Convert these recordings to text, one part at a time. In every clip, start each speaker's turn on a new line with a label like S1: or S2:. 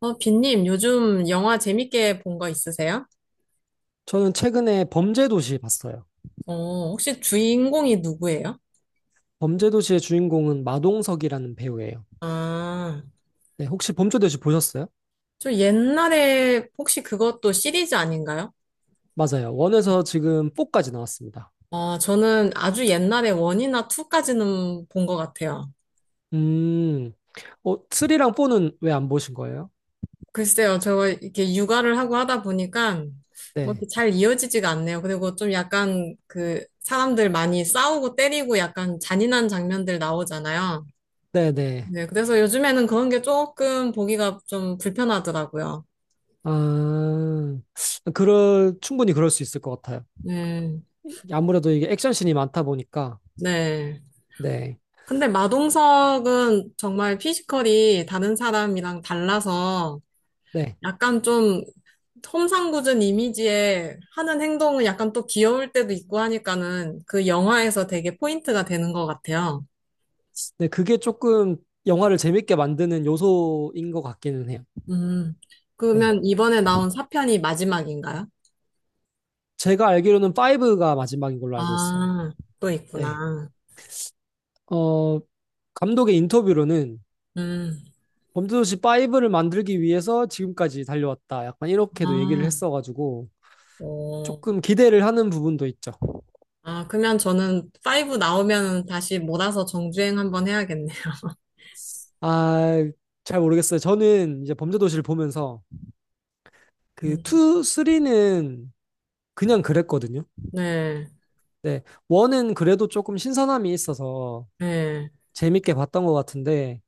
S1: 빈님, 요즘 영화 재밌게 본 거 있으세요?
S2: 저는 최근에 범죄도시 봤어요.
S1: 혹시 주인공이 누구예요?
S2: 범죄도시의 주인공은 마동석이라는 배우예요.
S1: 아,
S2: 네, 혹시 범죄도시 보셨어요?
S1: 저 옛날에 혹시 그것도 시리즈 아닌가요?
S2: 맞아요. 원에서 지금 4까지 나왔습니다.
S1: 저는 아주 옛날에 원이나투까지는 본 것 같아요.
S2: 음, 3랑 4는 왜 안 보신 거예요?
S1: 글쎄요, 저 이렇게 육아를 하고 하다 보니까 뭐
S2: 네,
S1: 이렇게 잘 이어지지가 않네요. 그리고 좀 약간 그 사람들 많이 싸우고 때리고 약간 잔인한 장면들 나오잖아요.
S2: 네네.
S1: 네, 그래서 요즘에는 그런 게 조금 보기가 좀 불편하더라고요.
S2: 아, 충분히 그럴 수 있을 것 같아요.
S1: 네.
S2: 아무래도 이게 액션씬이 많다 보니까,
S1: 네.
S2: 네,
S1: 근데 마동석은 정말 피지컬이 다른 사람이랑 달라서
S2: 네.
S1: 약간 좀 험상궂은 이미지에 하는 행동은 약간 또 귀여울 때도 있고 하니까는 그 영화에서 되게 포인트가 되는 것 같아요.
S2: 네, 그게 조금 영화를 재밌게 만드는 요소인 것 같기는 해요.
S1: 음.
S2: 네.
S1: 그러면 이번에 나온 4편이 마지막인가요?
S2: 제가 알기로는 5가 마지막인 걸로 알고 있어요.
S1: 아, 또
S2: 네.
S1: 있구나.
S2: 어, 감독의 인터뷰로는
S1: 음.
S2: 범죄도시 5를 만들기 위해서 지금까지 달려왔다. 약간 이렇게도 얘기를
S1: 아,
S2: 했어가지고
S1: 오.
S2: 조금 기대를 하는 부분도 있죠.
S1: 아, 그러면 저는 5 나오면 다시 몰아서 정주행 한번 해야겠네요.
S2: 아, 잘 모르겠어요. 저는 이제 범죄도시를 보면서 그
S1: 음.
S2: 2, 3는 그냥 그랬거든요.
S1: 네.
S2: 네, 1은 그래도 조금 신선함이 있어서
S1: 네.
S2: 재밌게 봤던 것 같은데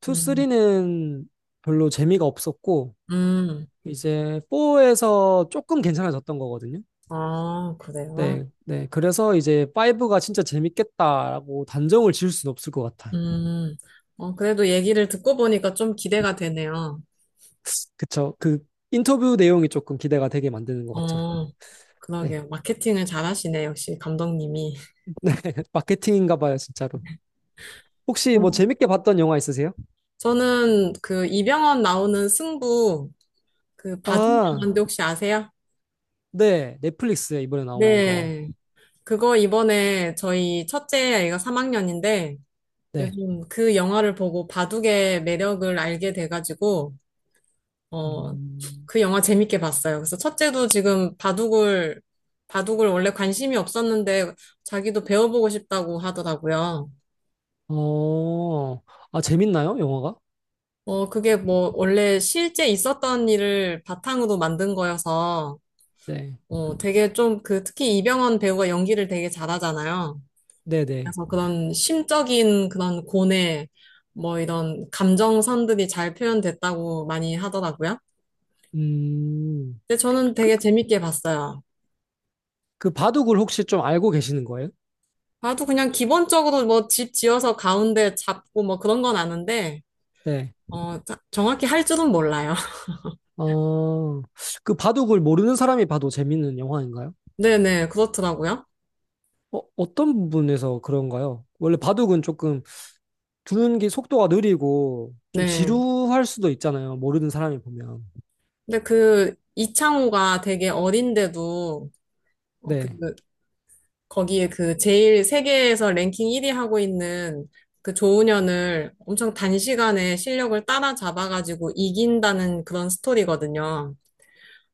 S2: 2,
S1: 음,
S2: 3는 별로 재미가 없었고
S1: 음,
S2: 이제 4에서 조금 괜찮아졌던 거거든요.
S1: 아, 그래요?
S2: 네, 네. 그래서 이제 5가 진짜 재밌겠다라고 단정을 지을 수는 없을 것 같아요.
S1: 음, 그래도 얘기를 듣고 보니까 좀 기대가 되네요.
S2: 그쵸. 그 인터뷰 내용이 조금 기대가 되게 만드는 것 같죠.
S1: 어,
S2: 네.
S1: 그러게요. 마케팅을 잘하시네, 역시 감독님이.
S2: 마케팅인가 봐요, 진짜로. 혹시 뭐
S1: 음.
S2: 재밌게 봤던 영화 있으세요?
S1: 저는 그 이병헌 나오는 승부, 그 봐준
S2: 아,
S1: 영화인데 혹시 아세요?
S2: 네. 넷플릭스에 이번에 나온 거.
S1: 네. 그거 이번에 저희 첫째 아이가 3학년인데
S2: 네.
S1: 요즘 그 영화를 보고 바둑의 매력을 알게 돼가지고 어,
S2: 음,
S1: 그 영화 재밌게 봤어요. 그래서 첫째도 지금 바둑을, 원래 관심이 없었는데 자기도 배워보고 싶다고 하더라고요.
S2: 어, 재밌나요, 영화가?
S1: 그게 뭐 원래 실제 있었던 일을 바탕으로 만든 거여서
S2: 네.
S1: 되게 좀 그 특히 이병헌 배우가 연기를 되게 잘하잖아요.
S2: 네네.
S1: 그래서 그런 심적인 그런 고뇌, 뭐 이런 감정선들이 잘 표현됐다고 많이 하더라고요.
S2: 음,
S1: 근데 저는
S2: 그,
S1: 되게 재밌게 봤어요.
S2: 그 바둑을 혹시 좀 알고 계시는 거예요?
S1: 나도 그냥 기본적으로 뭐 집 지어서 가운데 잡고 뭐 그런 건 아는데,
S2: 네.
S1: 어, 정확히 할 줄은 몰라요.
S2: 어, 그 바둑을 모르는 사람이 봐도 재밌는 영화인가요?
S1: 네네, 그렇더라고요.
S2: 어떤 부분에서 그런가요? 원래 바둑은 조금 두는 게 속도가 느리고 좀
S1: 네.
S2: 지루할 수도 있잖아요. 모르는 사람이 보면.
S1: 근데 그 이창호가 되게 어린데도, 어, 그,
S2: 네,
S1: 거기에 그 제일 세계에서 랭킹 1위 하고 있는 그 조은현을 엄청 단시간에 실력을 따라잡아가지고 이긴다는 그런 스토리거든요.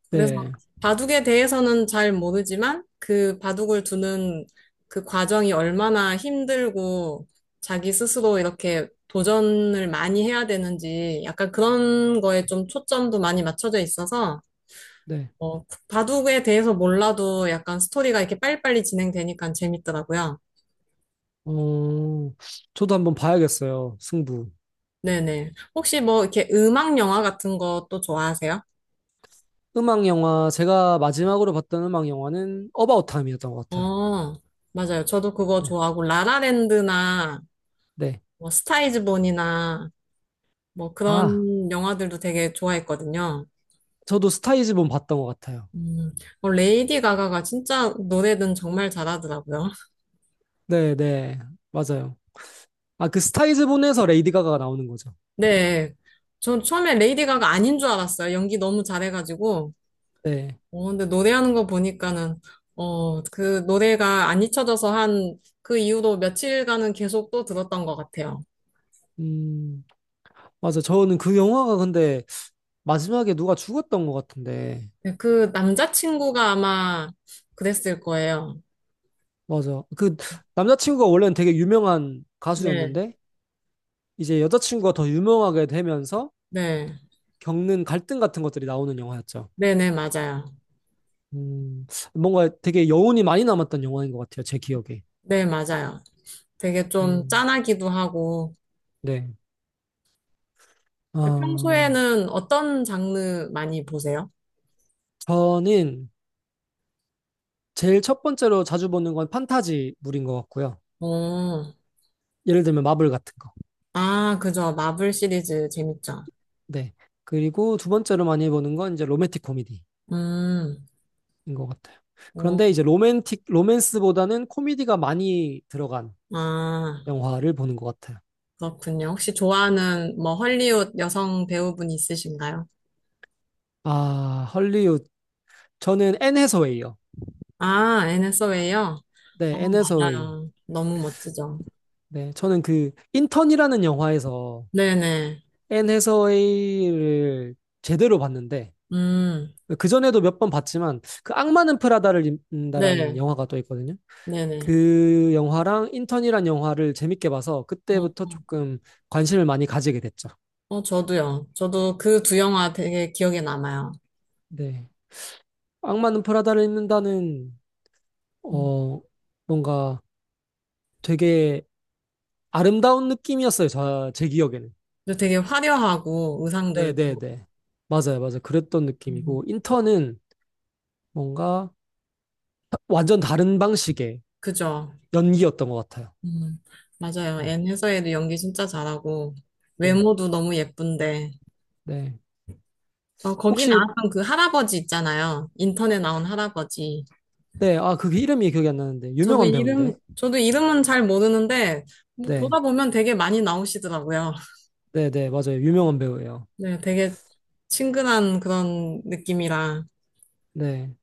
S1: 그래서
S2: 네,
S1: 바둑에 대해서는 잘 모르지만 그 바둑을 두는 그 과정이 얼마나 힘들고 자기 스스로 이렇게 도전을 많이 해야 되는지 약간 그런 거에 좀 초점도 많이 맞춰져 있어서
S2: 네.
S1: 바둑에 대해서 몰라도 약간 스토리가 이렇게 빨리빨리 진행되니까 재밌더라고요.
S2: 어, 저도 한번 봐야겠어요. 승부.
S1: 네네. 혹시 뭐 이렇게 음악 영화 같은 것도 좋아하세요?
S2: 음악 영화, 제가 마지막으로 봤던 음악 영화는 어바웃 타임이었던 것 같아요.
S1: 어, 맞아요. 저도 그거
S2: 네,
S1: 좋아하고 라라랜드나
S2: 네.
S1: 뭐 스타이즈 본이나 뭐
S2: 아,
S1: 그런 영화들도 되게 좋아했거든요.
S2: 저도 스타이즈본 봤던 것 같아요.
S1: 음, 레이디 가가가 진짜 노래는 정말 잘하더라고요.
S2: 네, 네. 맞아요. 아, 그 스타이즈본에서 레이디 가가가 나오는 거죠.
S1: 네. 전 처음에 레이디 가가 아닌 줄 알았어요. 연기 너무 잘해가지고.
S2: 네.
S1: 어, 근데 노래하는 거 보니까는, 어, 그 노래가 안 잊혀져서 한 그 이후로 며칠간은 계속 또 들었던 것 같아요.
S2: 음, 맞아. 저는 그 영화가 근데 마지막에 누가 죽었던 것 같은데.
S1: 네, 그 남자친구가 아마 그랬을 거예요.
S2: 맞아. 그 남자친구가 원래는 되게 유명한
S1: 네,
S2: 가수였는데, 이제 여자친구가 더 유명하게 되면서
S1: 네.
S2: 겪는 갈등 같은 것들이 나오는 영화였죠.
S1: 네네, 맞아요.
S2: 음, 뭔가 되게 여운이 많이 남았던 영화인 것 같아요. 제 기억에.
S1: 네, 맞아요. 되게 좀
S2: 음,
S1: 짠하기도 하고,
S2: 네. 어,
S1: 평소에는 어떤 장르 많이 보세요?
S2: 저는 제일 첫 번째로 자주 보는 건 판타지물인 것 같고요.
S1: 어,
S2: 예를 들면 마블 같은 거.
S1: 아, 그죠. 마블 시리즈 재밌죠.
S2: 네. 그리고 두 번째로 많이 보는 건 이제 로맨틱 코미디
S1: 음,
S2: 인 것 같아요.
S1: 어,
S2: 그런데 이제 로맨스보다는 코미디가 많이 들어간
S1: 아,
S2: 영화를 보는 것 같아요.
S1: 그렇군요. 혹시 좋아하는 뭐 헐리우드 여성 배우분 있으신가요?
S2: 아, 헐리우드. 저는 앤 해서웨이요.
S1: 아, 애네 서웨이요. 어,
S2: 네, 앤 해서웨이.
S1: 맞아요. 너무 멋지죠.
S2: 네, 저는 그 인턴이라는 영화에서
S1: 네네.
S2: 앤 해서웨이를 제대로 봤는데
S1: 음,
S2: 그전에도 몇 번 봤지만 그 악마는 프라다를 입는다라는
S1: 네.
S2: 영화가 또 있거든요.
S1: 네네.
S2: 그 영화랑 인턴이란 영화를 재밌게 봐서
S1: 어,
S2: 그때부터 조금 관심을 많이 가지게 됐죠.
S1: 어, 저도요. 저도 그 두 영화 되게 기억에 남아요.
S2: 네. 악마는 프라다를 입는다는
S1: 음,
S2: 어, 뭔가 되게 아름다운 느낌이었어요. 제 기억에는.
S1: 그리고 되게 화려하고 의상들도.
S2: 네네네. 맞아요, 맞아요. 그랬던
S1: 음,
S2: 느낌이고, 인턴은 뭔가 완전 다른 방식의
S1: 그죠.
S2: 연기였던 것 같아요.
S1: 음, 맞아요.
S2: 네,
S1: N 회사에도 연기 진짜 잘하고,
S2: 네.
S1: 외모도 너무 예쁜데.
S2: 네.
S1: 저 거기
S2: 혹시,
S1: 나왔던 그 할아버지 있잖아요. 인턴에 나온 할아버지.
S2: 네, 아, 그게 이름이 기억이 안 나는데, 유명한 배우인데.
S1: 저도 이름은 잘 모르는데, 뭐
S2: 네,
S1: 보다 보면 되게 많이 나오시더라고요.
S2: 네네, 맞아요. 유명한 배우예요.
S1: 네, 되게 친근한 그런 느낌이라.
S2: 네.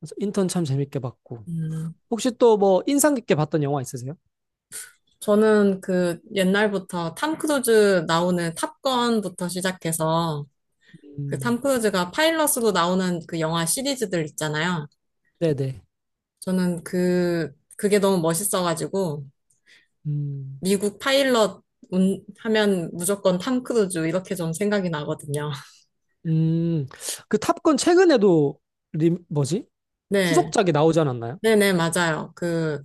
S2: 그래서 인턴 참 재밌게 봤고.
S1: 음,
S2: 혹시 또 뭐 인상 깊게 봤던 영화 있으세요?
S1: 저는 그 옛날부터 탐 크루즈 나오는 탑건부터 시작해서, 그
S2: 음,
S1: 탐 크루즈가 파일럿으로 나오는 그 영화 시리즈들 있잖아요.
S2: 네네.
S1: 저는 그, 그게 너무 멋있어가지고,
S2: 음.
S1: 미국 파일럿 하면 무조건 탐 크루즈 이렇게 좀 생각이 나거든요.
S2: 음, 그 탑건 최근에도 뭐지?
S1: 네.
S2: 후속작이 나오지 않았나요?
S1: 네네, 맞아요. 그,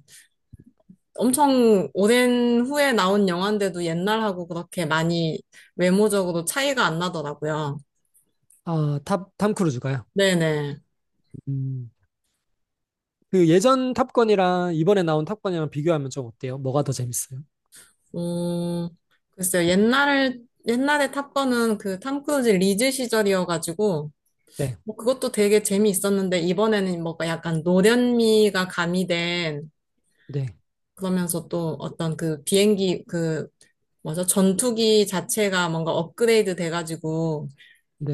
S1: 엄청 오랜 후에 나온 영화인데도 옛날하고 그렇게 많이 외모적으로 차이가 안 나더라고요.
S2: 아, 탐 크루즈가요.
S1: 네네.
S2: 음, 그 예전 탑건이랑 이번에 나온 탑건이랑 비교하면 좀 어때요? 뭐가 더 재밌어요?
S1: 음, 글쎄요. 옛날에 탑건은 그 탐 크루즈 리즈 시절이어가지고,
S2: 네,
S1: 뭐 그것도 되게 재미있었는데, 이번에는 뭔가 약간 노련미가 가미된
S2: 네,
S1: 그러면서 또 어떤 그 비행기 그 뭐죠? 전투기 자체가 뭔가 업그레이드 돼가지고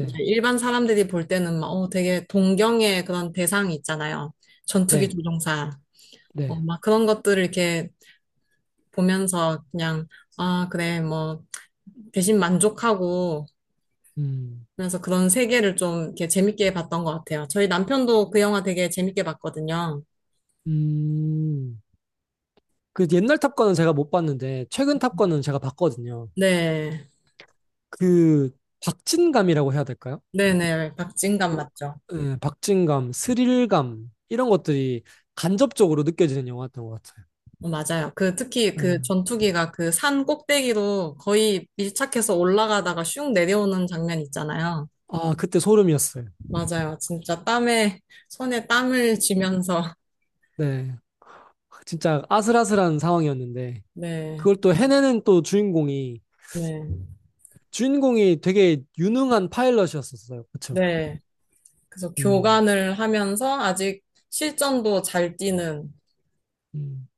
S1: 이제 일반 사람들이 볼 때는 막 어, 되게 동경의 그런 대상이 있잖아요. 전투기
S2: 네,
S1: 조종사.
S2: 네.
S1: 어, 막 그런 것들을 이렇게 보면서 그냥 아, 그래. 뭐 대신 만족하고
S2: 음,
S1: 그래서 그런 세계를 좀 이렇게 재밌게 봤던 것 같아요. 저희 남편도 그 영화 되게 재밌게 봤거든요.
S2: 음. 그 옛날 탑건은 제가 못 봤는데 최근 탑건은 제가 봤거든요.
S1: 네.
S2: 그 박진감이라고 해야 될까요?
S1: 네네. 박진감
S2: 어,
S1: 맞죠?
S2: 예, 박진감, 스릴감 이런 것들이 간접적으로 느껴지는 영화였던 것 같아요.
S1: 어, 맞아요. 그 특히 그
S2: 예.
S1: 전투기가 그 산 꼭대기로 거의 밀착해서 올라가다가 슝 내려오는 장면 있잖아요.
S2: 아, 그때 소름이었어요.
S1: 맞아요. 진짜 땀에 손에 땀을 쥐면서
S2: 네. 진짜 아슬아슬한 상황이었는데,
S1: 네.
S2: 그걸 또 해내는 또 주인공이,
S1: 네.
S2: 주인공이 되게 유능한 파일럿이었었어요. 그쵸?
S1: 네. 그래서
S2: 음,
S1: 교관을 하면서 아직 실전도 잘 뛰는
S2: 음.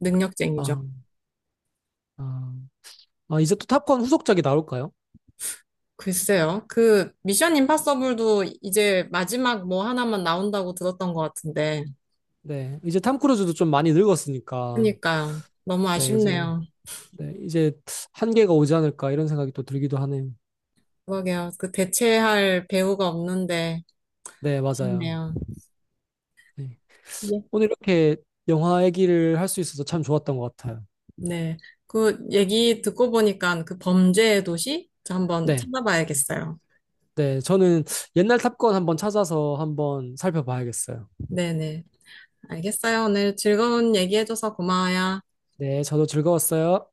S1: 능력쟁이죠.
S2: 아, 아, 이제 또 탑건 후속작이 나올까요?
S1: 글쎄요. 그 미션 임파서블도 이제 마지막 뭐 하나만 나온다고 들었던 것 같은데.
S2: 네. 이제 탐 크루즈도 좀 많이 늙었으니까,
S1: 그러니까 너무
S2: 네, 이제,
S1: 아쉽네요.
S2: 네, 이제 한계가 오지 않을까 이런 생각이 또 들기도 하네요.
S1: 그러게요. 그 대체할 배우가 없는데
S2: 네, 맞아요.
S1: 있네요.
S2: 네.
S1: 예.
S2: 오늘 이렇게 영화 얘기를 할 수 있어서 참 좋았던 것 같아요.
S1: 네. 그 얘기 듣고 보니까 그 범죄의 도시 저 한번
S2: 네.
S1: 찾아봐야겠어요.
S2: 네, 저는 옛날 탑건 한번 찾아서 한번 살펴봐야겠어요.
S1: 네네. 알겠어요. 오늘 즐거운 얘기해줘서 고마워요.
S2: 네, 저도 즐거웠어요.